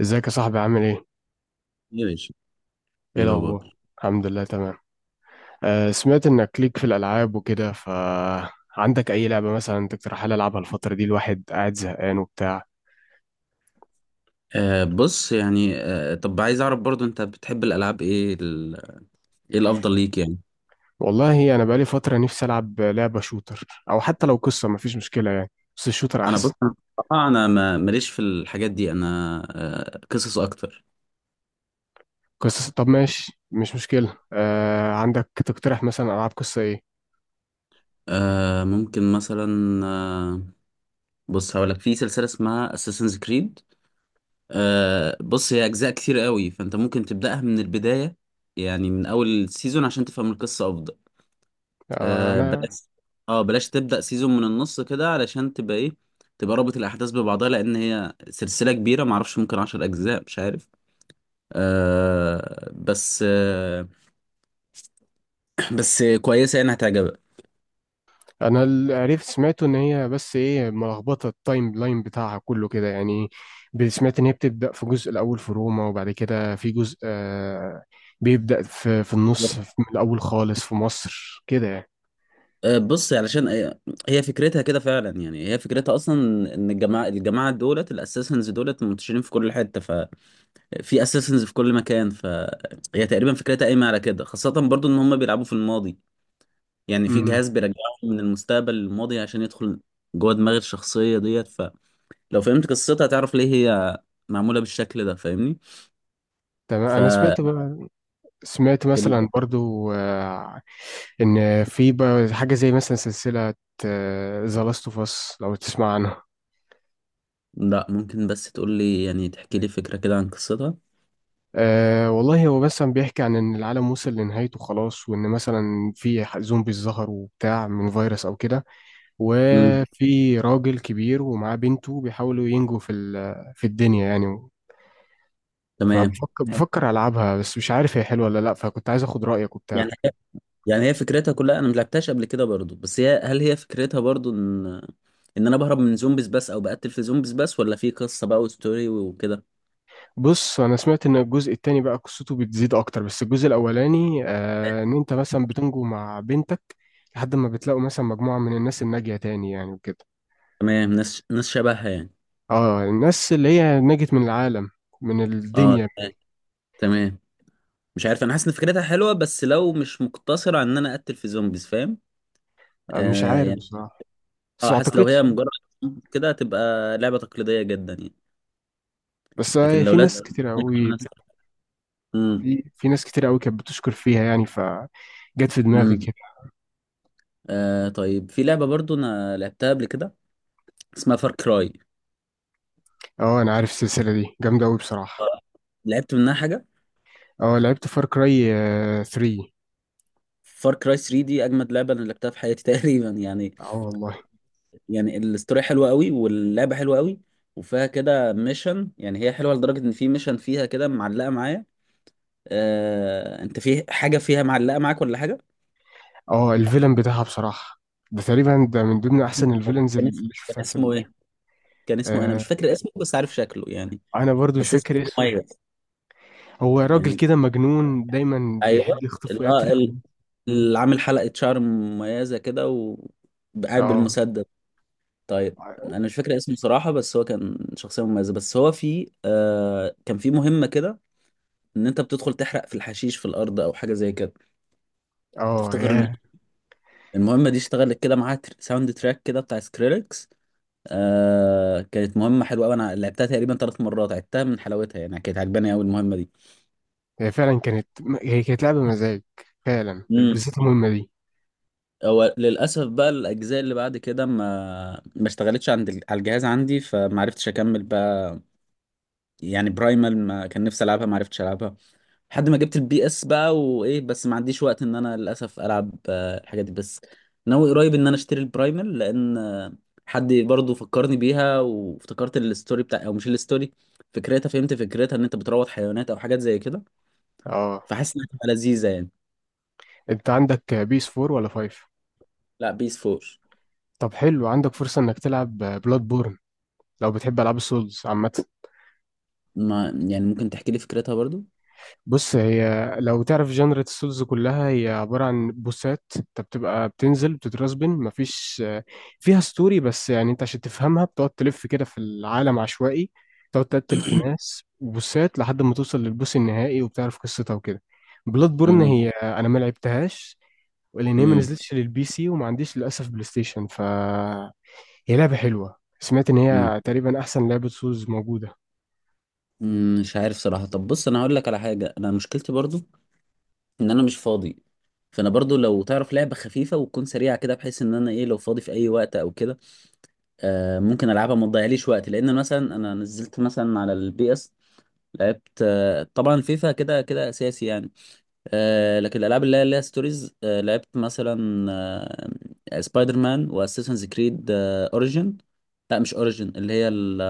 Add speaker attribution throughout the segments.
Speaker 1: ازيك يا صاحبي، عامل ايه؟
Speaker 2: يا باشا.
Speaker 1: ايه
Speaker 2: ايه الاخبار؟
Speaker 1: الأخبار؟ الحمد لله، تمام. آه، سمعت انك ليك في الألعاب وكده، فعندك أي لعبة مثلا تقترحها لي ألعبها الفترة دي؟ الواحد قاعد زهقان وبتاع.
Speaker 2: بص، يعني، طب عايز اعرف برضو، انت بتحب الالعاب ايه ايه الافضل ليك يعني؟
Speaker 1: والله أنا بقالي فترة نفسي ألعب لعبة شوتر، أو حتى لو قصة مفيش مشكلة يعني، بس الشوتر
Speaker 2: انا بص،
Speaker 1: أحسن.
Speaker 2: انا بصراحة انا ما ماليش في الحاجات دي، انا قصص اكتر.
Speaker 1: قصص؟ طب ماشي، مش مشكلة. آه، عندك تقترح مثلا ألعاب قصة ايه؟
Speaker 2: ممكن مثلا، بص هقول لك في سلسله اسمها اساسنز كريد. بص هي اجزاء كتير قوي، فانت ممكن تبداها من البدايه، يعني من اول سيزون عشان تفهم القصه افضل.
Speaker 1: آه،
Speaker 2: آه
Speaker 1: أنا
Speaker 2: بلاش اه بلاش تبدأ سيزون من النص كده، علشان تبقى ايه، تبقى رابط الأحداث ببعضها، لأن هي سلسلة كبيرة، معرفش، ممكن 10 أجزاء، مش عارف. بس آه بس كويسة يعني هتعجبك.
Speaker 1: انا اللي عرفت سمعته ان هي بس ايه ملخبطه التايم لاين بتاعها كله كده يعني. سمعت ان هي بتبدا في جزء الاول في روما، وبعد كده في جزء، بيبدا في النص، في من الاول خالص في مصر كده يعني.
Speaker 2: بص علشان هي فكرتها كده فعلا، يعني هي فكرتها اصلا ان الجماعه دولت الاساسنز دولت منتشرين في كل حته، ففي اساسنز في كل مكان. فهي تقريبا فكرتها قايمه على كده، خاصه برضو ان هم بيلعبوا في الماضي، يعني في
Speaker 1: امم.
Speaker 2: جهاز بيرجعه من المستقبل للماضي عشان يدخل جوه دماغ الشخصية ديت. فلو فهمت قصتها هتعرف ليه هي معمولة بالشكل ده. فاهمني؟
Speaker 1: تمام،
Speaker 2: ف
Speaker 1: انا سمعت بقى، سمعت
Speaker 2: ال...
Speaker 1: مثلا برضو ان في بقى حاجه زي مثلا سلسله ذا لاست اوف اس، لو تسمع عنها.
Speaker 2: لا، ممكن بس تقول لي، يعني تحكي لي فكرة كده عن قصتها.
Speaker 1: أه، والله هو بس عم بيحكي عن إن العالم وصل لنهايته خلاص، وإن مثلا في زومبيز ظهروا وبتاع، من فيروس أو كده.
Speaker 2: امم.
Speaker 1: وفي راجل كبير ومعاه بنته بيحاولوا ينجوا في في الدنيا يعني.
Speaker 2: تمام.
Speaker 1: فبفكر بفكر ألعبها، بس مش عارف هي حلوة ولا لأ، فكنت عايز أخد رأيك وبتاع.
Speaker 2: يعني هي- يعني هي فكرتها كلها، انا ملعبتهاش قبل كده برضو، بس هي هل هي فكرتها برضو ان انا بهرب من زومبيز بس، او بقتل في زومبيز بس، ولا في قصة بقى وستوري وكده؟
Speaker 1: بص أنا سمعت إن الجزء التاني بقى قصته بتزيد أكتر، بس الجزء الأولاني إن أنت مثلا بتنجو مع بنتك، لحد ما بتلاقوا مثلا مجموعة من الناس الناجية تاني يعني وكده.
Speaker 2: تمام، ناس شبهها يعني.
Speaker 1: اه، الناس اللي هي نجت من العالم، من
Speaker 2: اه
Speaker 1: الدنيا.
Speaker 2: تمام. تمام. مش عارف، انا حاسس ان فكرتها حلوه، بس لو مش مقتصره على ان انا اقتل في زومبيز. فاهم؟
Speaker 1: آه، مش عارف
Speaker 2: يعني،
Speaker 1: بصراحة، بس
Speaker 2: اه
Speaker 1: ما
Speaker 2: حاسس لو هي
Speaker 1: اعتقدش.
Speaker 2: مجرد كده هتبقى لعبه تقليديه جدا يعني.
Speaker 1: بس
Speaker 2: لكن لو
Speaker 1: في
Speaker 2: لازم.
Speaker 1: ناس كتير قوي،
Speaker 2: امم.
Speaker 1: في ناس كتير قوي كانت بتشكر فيها يعني، فجت في دماغي
Speaker 2: امم.
Speaker 1: كده.
Speaker 2: طيب، في لعبه برضو انا لعبتها قبل كده اسمها فار كراي.
Speaker 1: اه، انا عارف السلسلة دي جامدة قوي بصراحة.
Speaker 2: لعبت منها حاجه،
Speaker 1: اه، لعبت فار كراي 3.
Speaker 2: فار كراي 3 دي اجمد لعبه انا لعبتها في حياتي تقريبا يعني.
Speaker 1: اه والله.
Speaker 2: يعني الاستوري حلوه قوي، واللعبه حلوه قوي، وفيها كده ميشن. يعني هي حلوه لدرجه ان في ميشن فيها كده معلقه معايا. انت في حاجه فيها معلقه معاك ولا حاجه؟
Speaker 1: اه، الفيلم بتاعها بصراحة ده تقريبا ده من ضمن احسن الفيلنز
Speaker 2: كان اسمه
Speaker 1: اللي
Speaker 2: كان
Speaker 1: شفتها
Speaker 2: اسمه ايه؟ كان اسمه، انا مش
Speaker 1: آه،
Speaker 2: فاكر اسمه، بس عارف شكله يعني.
Speaker 1: انا برضو مش
Speaker 2: بس اسمه
Speaker 1: فاكر اسمه.
Speaker 2: مميز.
Speaker 1: هو راجل
Speaker 2: يعني
Speaker 1: كده مجنون دايما
Speaker 2: ايوه،
Speaker 1: بيحب يخطف
Speaker 2: اللي هو
Speaker 1: ويقتل
Speaker 2: اللي عامل حلقه شعر مميزه كده وقاعد
Speaker 1: اه،
Speaker 2: بالمسدس. طيب، انا مش فاكر اسمه صراحه، بس هو كان شخصيه مميزه. بس هو في كان في مهمه كده، ان انت بتدخل تحرق في الحشيش في الارض او حاجه زي كده.
Speaker 1: اه،
Speaker 2: تفتكر
Speaker 1: ياه.
Speaker 2: المهمه دي اشتغلت كده معاها ساوند تراك كده بتاع سكريلكس؟ كانت مهمة حلوة أوي، أنا لعبتها تقريبا 3 مرات عدتها من حلاوتها يعني، كانت عجباني أوي المهمة دي.
Speaker 1: هي فعلا كانت هي كانت لعبة مزاج، فعلا،
Speaker 2: مم.
Speaker 1: بالذات المهمة دي.
Speaker 2: هو للأسف بقى الأجزاء اللي بعد كده ما اشتغلتش على الجهاز عندي، فما عرفتش أكمل بقى. يعني برايمال، ما كان نفسي ألعبها، ما عرفتش ألعبها. لحد ما جبت الPS بقى وايه، بس ما عنديش وقت ان انا للاسف العب الحاجات دي بس. ناوي قريب ان انا اشتري البرايمال لان، حد برضو فكرني بيها، وافتكرت الستوري بتاع، او مش الستوري، فكرتها، فهمت فكرتها ان انت بتروض حيوانات او حاجات زي كده.
Speaker 1: اه،
Speaker 2: فحاسس انها هتبقى لذيذه يعني.
Speaker 1: انت عندك بيس 4 ولا 5؟
Speaker 2: لا، PS4.
Speaker 1: طب حلو، عندك فرصة انك تلعب بلاد بورن لو بتحب العاب السولز عامة.
Speaker 2: ما يعني، ممكن تحكي لي فكرتها برضو؟
Speaker 1: بص، هي لو تعرف جنرة السولز، كلها هي عبارة عن بوسات. انت بتبقى بتنزل بتترسبن، مفيش فيها ستوري بس، يعني انت عشان تفهمها بتقعد تلف كده في العالم عشوائي، تقعد تقتل في ناس بوسات لحد ما توصل للبوس النهائي وبتعرف قصتها وكده. بلاد بورن
Speaker 2: مم.
Speaker 1: هي انا ما لعبتهاش، لان هي ما
Speaker 2: مم.
Speaker 1: نزلتش للبي سي وما عنديش للاسف بلاي ستيشن. هي لعبه حلوه، سمعت ان
Speaker 2: مم.
Speaker 1: هي تقريبا احسن لعبه سولز موجوده.
Speaker 2: مم. مش عارف صراحة. طب بص انا هقول لك على حاجة، انا مشكلتي برضو ان انا مش فاضي. فانا برضو لو تعرف لعبه خفيفه وتكون سريعه كده، بحيث ان انا ايه، لو فاضي في اي وقت او كده، ممكن العبها ما تضيعليش وقت، لان مثلا انا نزلت مثلا على الPS. لعبت طبعا فيفا، كده كده اساسي يعني. لكن الالعاب اللي هي ستوريز، لعبت مثلا سبايدر مان واساسنز كريد اوريجن. لا مش اوريجن،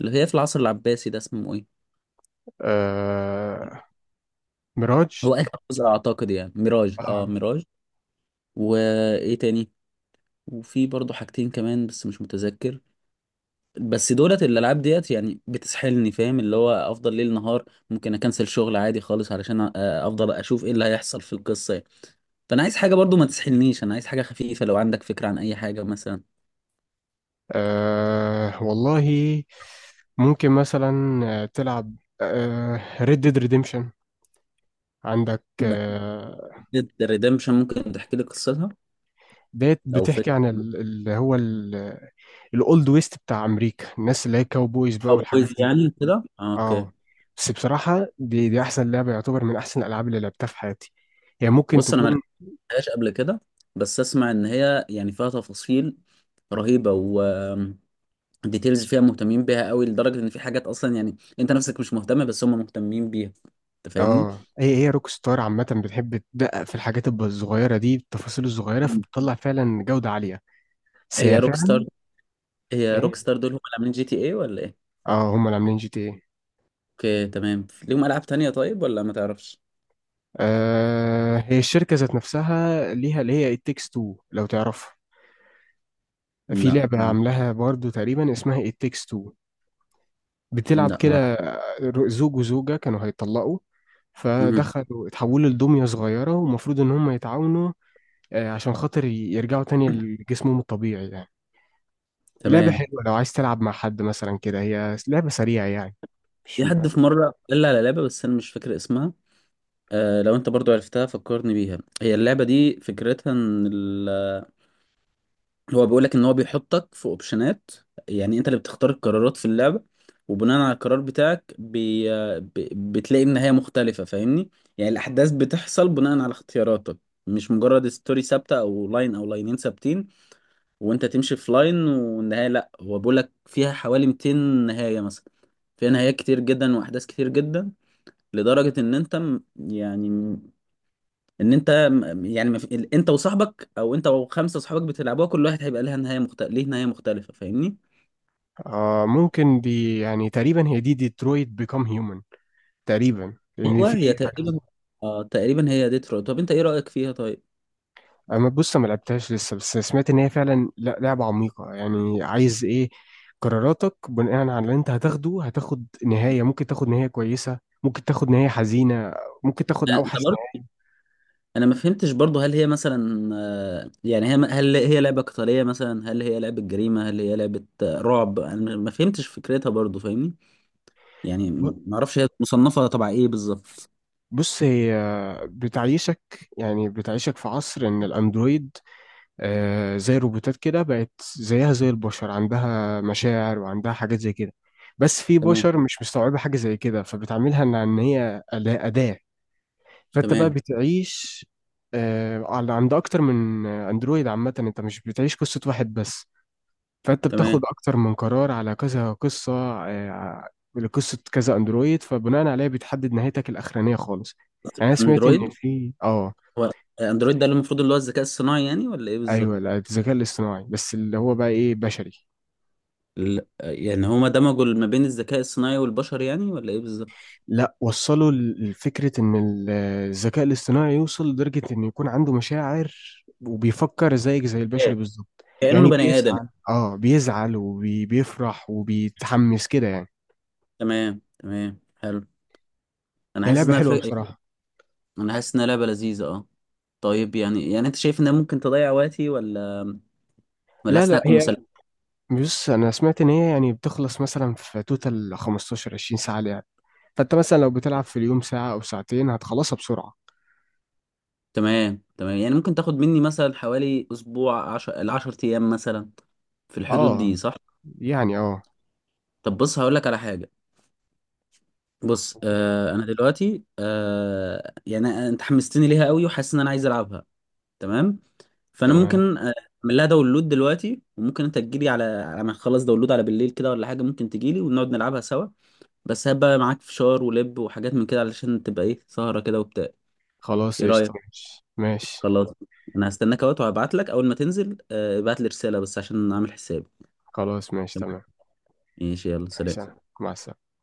Speaker 2: اللي هي في العصر العباسي ده اسمه ايه؟
Speaker 1: آه... ميراج.
Speaker 2: هو اخر جزء اعتقد يعني، ميراج. اه
Speaker 1: آه.
Speaker 2: ميراج. وايه تاني، وفي برضه حاجتين كمان بس مش متذكر. بس دولت الالعاب ديت يعني بتسحلني، فاهم؟ اللي هو افضل ليل نهار، ممكن اكنسل شغل عادي خالص علشان افضل اشوف ايه اللي هيحصل في القصه يعني. فانا عايز حاجه برضه ما تسحلنيش، انا عايز حاجه خفيفه، لو عندك فكره عن اي حاجه مثلا.
Speaker 1: والله، ممكن مثلا تلعب ريد ديد ريديمشن. عندك
Speaker 2: ريدمشن، ممكن تحكي لي قصتها
Speaker 1: ديت
Speaker 2: او
Speaker 1: بتحكي
Speaker 2: فكره؟
Speaker 1: عن اللي هو الاولد ويست بتاع امريكا، الناس اللي هي كاوبويز بقى
Speaker 2: او
Speaker 1: والحاجات
Speaker 2: بويز
Speaker 1: دي.
Speaker 2: يعني كده، اوكي.
Speaker 1: اه، بس بصراحة، دي أحسن لعبة، يعتبر من أحسن الألعاب اللي لعبتها في حياتي. هي ممكن
Speaker 2: بص انا ما
Speaker 1: تكون.
Speaker 2: لعبتهاش قبل كده، بس اسمع ان هي يعني فيها تفاصيل رهيبه، ديتيلز فيها مهتمين بيها قوي لدرجه ان في حاجات اصلا يعني انت نفسك مش مهتم، بس هم مهتمين بيها. انت فاهمني؟
Speaker 1: اه، هي روك ستار عامة بتحب تدقق في الحاجات الصغيرة دي، التفاصيل الصغيرة،
Speaker 2: مم.
Speaker 1: فبتطلع فعلا جودة عالية. بس
Speaker 2: هي
Speaker 1: هي
Speaker 2: روك
Speaker 1: فعلا.
Speaker 2: ستار. هي روك
Speaker 1: ايه.
Speaker 2: ستار دول هم اللي عاملين GTA ولا ايه؟
Speaker 1: اه، هم اللي عاملين جي تي ايه.
Speaker 2: اوكي تمام، ليهم العاب تانية طيب ولا ما تعرفش؟
Speaker 1: آه، هي الشركة ذات نفسها ليها اللي هي التكس 2 لو تعرفها. في
Speaker 2: لا.
Speaker 1: لعبة
Speaker 2: مم.
Speaker 1: عاملاها برضو تقريبا اسمها التكس 2، بتلعب
Speaker 2: لا ما اعرف.
Speaker 1: كده، زوج وزوجة كانوا هيطلقوا،
Speaker 2: مهم.
Speaker 1: فدخلوا اتحولوا لدمية صغيرة، ومفروض إن هم يتعاونوا عشان خاطر يرجعوا تاني لجسمهم الطبيعي يعني. لعبة
Speaker 2: تمام.
Speaker 1: حلوة لو عايز تلعب مع حد مثلا كده، هي لعبة سريعة يعني، مش
Speaker 2: في حد في مره قال لي على لعبه بس انا مش فاكر اسمها. لو انت برضو عرفتها فكرني بيها. هي اللعبه دي فكرتها ان هو بيقول لك ان هو بيحطك في اوبشنات. يعني انت اللي بتختار القرارات في اللعبه، وبناء على القرار بتاعك ب... بتلاقي النهايه مختلفه. فاهمني؟ يعني الاحداث بتحصل بناء على اختياراتك، مش مجرد ستوري ثابته، او لاين او لاينين ثابتين. وانت تمشي في لاين والنهايه، لا هو بيقول لك فيها حوالي 200 نهايه مثلا. فيها نهايات كتير جدا واحداث كتير جدا، لدرجه ان انت م- يعني ان انت م- يعني ما في- ال- انت وصاحبك او انت وخمسه صحابك بتلعبوها، كل واحد هيبقى لها نهايه مختلفه، ليه نهايه مختلفه. فاهمني؟
Speaker 1: آه، ممكن دي يعني تقريبا هي دي ديترويت بيكام هيومن، تقريبا، لأن في.
Speaker 2: ايوه هي تقريبا. اه تقريبا هي طب انت ايه رايك فيها؟ طيب.
Speaker 1: اما بص، ما لعبتهاش لسه، بس سمعت ان هي فعلا لعبه عميقه يعني، عايز ايه، قراراتك بناء على اللي انت هتاخده هتاخد نهايه، ممكن تاخد نهايه كويسه، ممكن تاخد نهايه حزينه، ممكن تاخد
Speaker 2: انا
Speaker 1: اوحش
Speaker 2: برضه،
Speaker 1: نهايه.
Speaker 2: انا ما فهمتش برضه، هل هي مثلا، يعني هل هي لعبه قتاليه مثلا، هل هي لعبه جريمه، هل هي لعبه رعب؟ انا ما فهمتش فكرتها برضه، فاهمني؟ يعني
Speaker 1: ب-
Speaker 2: ما اعرفش هي مصنفه تبع ايه بالظبط.
Speaker 1: بص هي بتعيشك، يعني بتعيشك في عصر ان الاندرويد، آه، زي الروبوتات كده، بقت زيها زي البشر، عندها مشاعر وعندها حاجات زي كده، بس في
Speaker 2: تمام.
Speaker 1: بشر مش مستوعبه حاجه زي كده، فبتعملها إن هي أداه. فانت بقى
Speaker 2: تمام.
Speaker 1: بتعيش على عند اكتر من اندرويد عامه، انت مش بتعيش قصه واحد بس، فانت بتاخد
Speaker 2: تمام.
Speaker 1: اكتر من قرار على كذا قصه آه، لقصه كذا اندرويد، فبناء عليها بتحدد نهايتك الاخرانيه خالص. يعني انا سمعت ان
Speaker 2: اندرويد.
Speaker 1: في
Speaker 2: هو اندرويد ده اللي المفروض اللي هو الذكاء الصناعي يعني ولا ايه
Speaker 1: ايوه،
Speaker 2: بالظبط؟
Speaker 1: لا، الذكاء الاصطناعي بس اللي هو بقى ايه بشري.
Speaker 2: يعني هما دمجوا ما بين الذكاء الصناعي والبشر يعني ولا ايه بالظبط؟
Speaker 1: لا، وصلوا لفكرة إن الذكاء الاصطناعي يوصل لدرجة إنه يكون عنده مشاعر، وبيفكر زيك زي
Speaker 2: إيه.
Speaker 1: البشر بالظبط.
Speaker 2: كأنه
Speaker 1: يعني
Speaker 2: بني آدم.
Speaker 1: بيزعل وبيفرح وبيتحمس كده يعني.
Speaker 2: تمام، تمام، حلو. انا
Speaker 1: هي
Speaker 2: حاسس
Speaker 1: لعبة
Speaker 2: انها ف...
Speaker 1: حلوة بصراحة.
Speaker 2: انا حاسس انها لعبة لذيذة، اه. طيب يعني، انت شايف انها ممكن تضيع وقتي، ولا
Speaker 1: لا،
Speaker 2: حاسس
Speaker 1: لا،
Speaker 2: انها تكون
Speaker 1: هي
Speaker 2: مسلية؟
Speaker 1: بص أنا سمعت إن هي يعني بتخلص مثلا في توتال 15 20 ساعة لعب، فأنت مثلا لو بتلعب في اليوم ساعة أو ساعتين هتخلصها بسرعة.
Speaker 2: تمام، تمام، يعني ممكن تاخد مني مثلا حوالي اسبوع، الـ10 ايام مثلا. في الحدود دي
Speaker 1: اه،
Speaker 2: صح؟
Speaker 1: يعني اه.
Speaker 2: طب بص هقول لك على حاجة. بص، انا دلوقتي، يعني انت حمستني ليها قوي، وحاسس ان انا عايز العبها. تمام. فانا
Speaker 1: تمام.
Speaker 2: ممكن، اعمل لها داونلود دلوقتي، وممكن انت تجيلي على ما اخلص داونلود، على بالليل كده ولا حاجه، ممكن تجيلي ونقعد نلعبها سوا. بس هبقى معاك فشار ولب وحاجات من كده، علشان تبقى ايه، سهره كده وبتاع.
Speaker 1: خلاص
Speaker 2: ايه
Speaker 1: قشطة،
Speaker 2: رايك؟
Speaker 1: ماشي ماشي.
Speaker 2: خلاص. انا هستناك اهوت، وهبعت لك اول ما تنزل، ابعت لي رساله بس عشان اعمل حسابي.
Speaker 1: خلاص ماشي تمام.
Speaker 2: ماشي، يلا سلام.
Speaker 1: سلام، مع السلامة.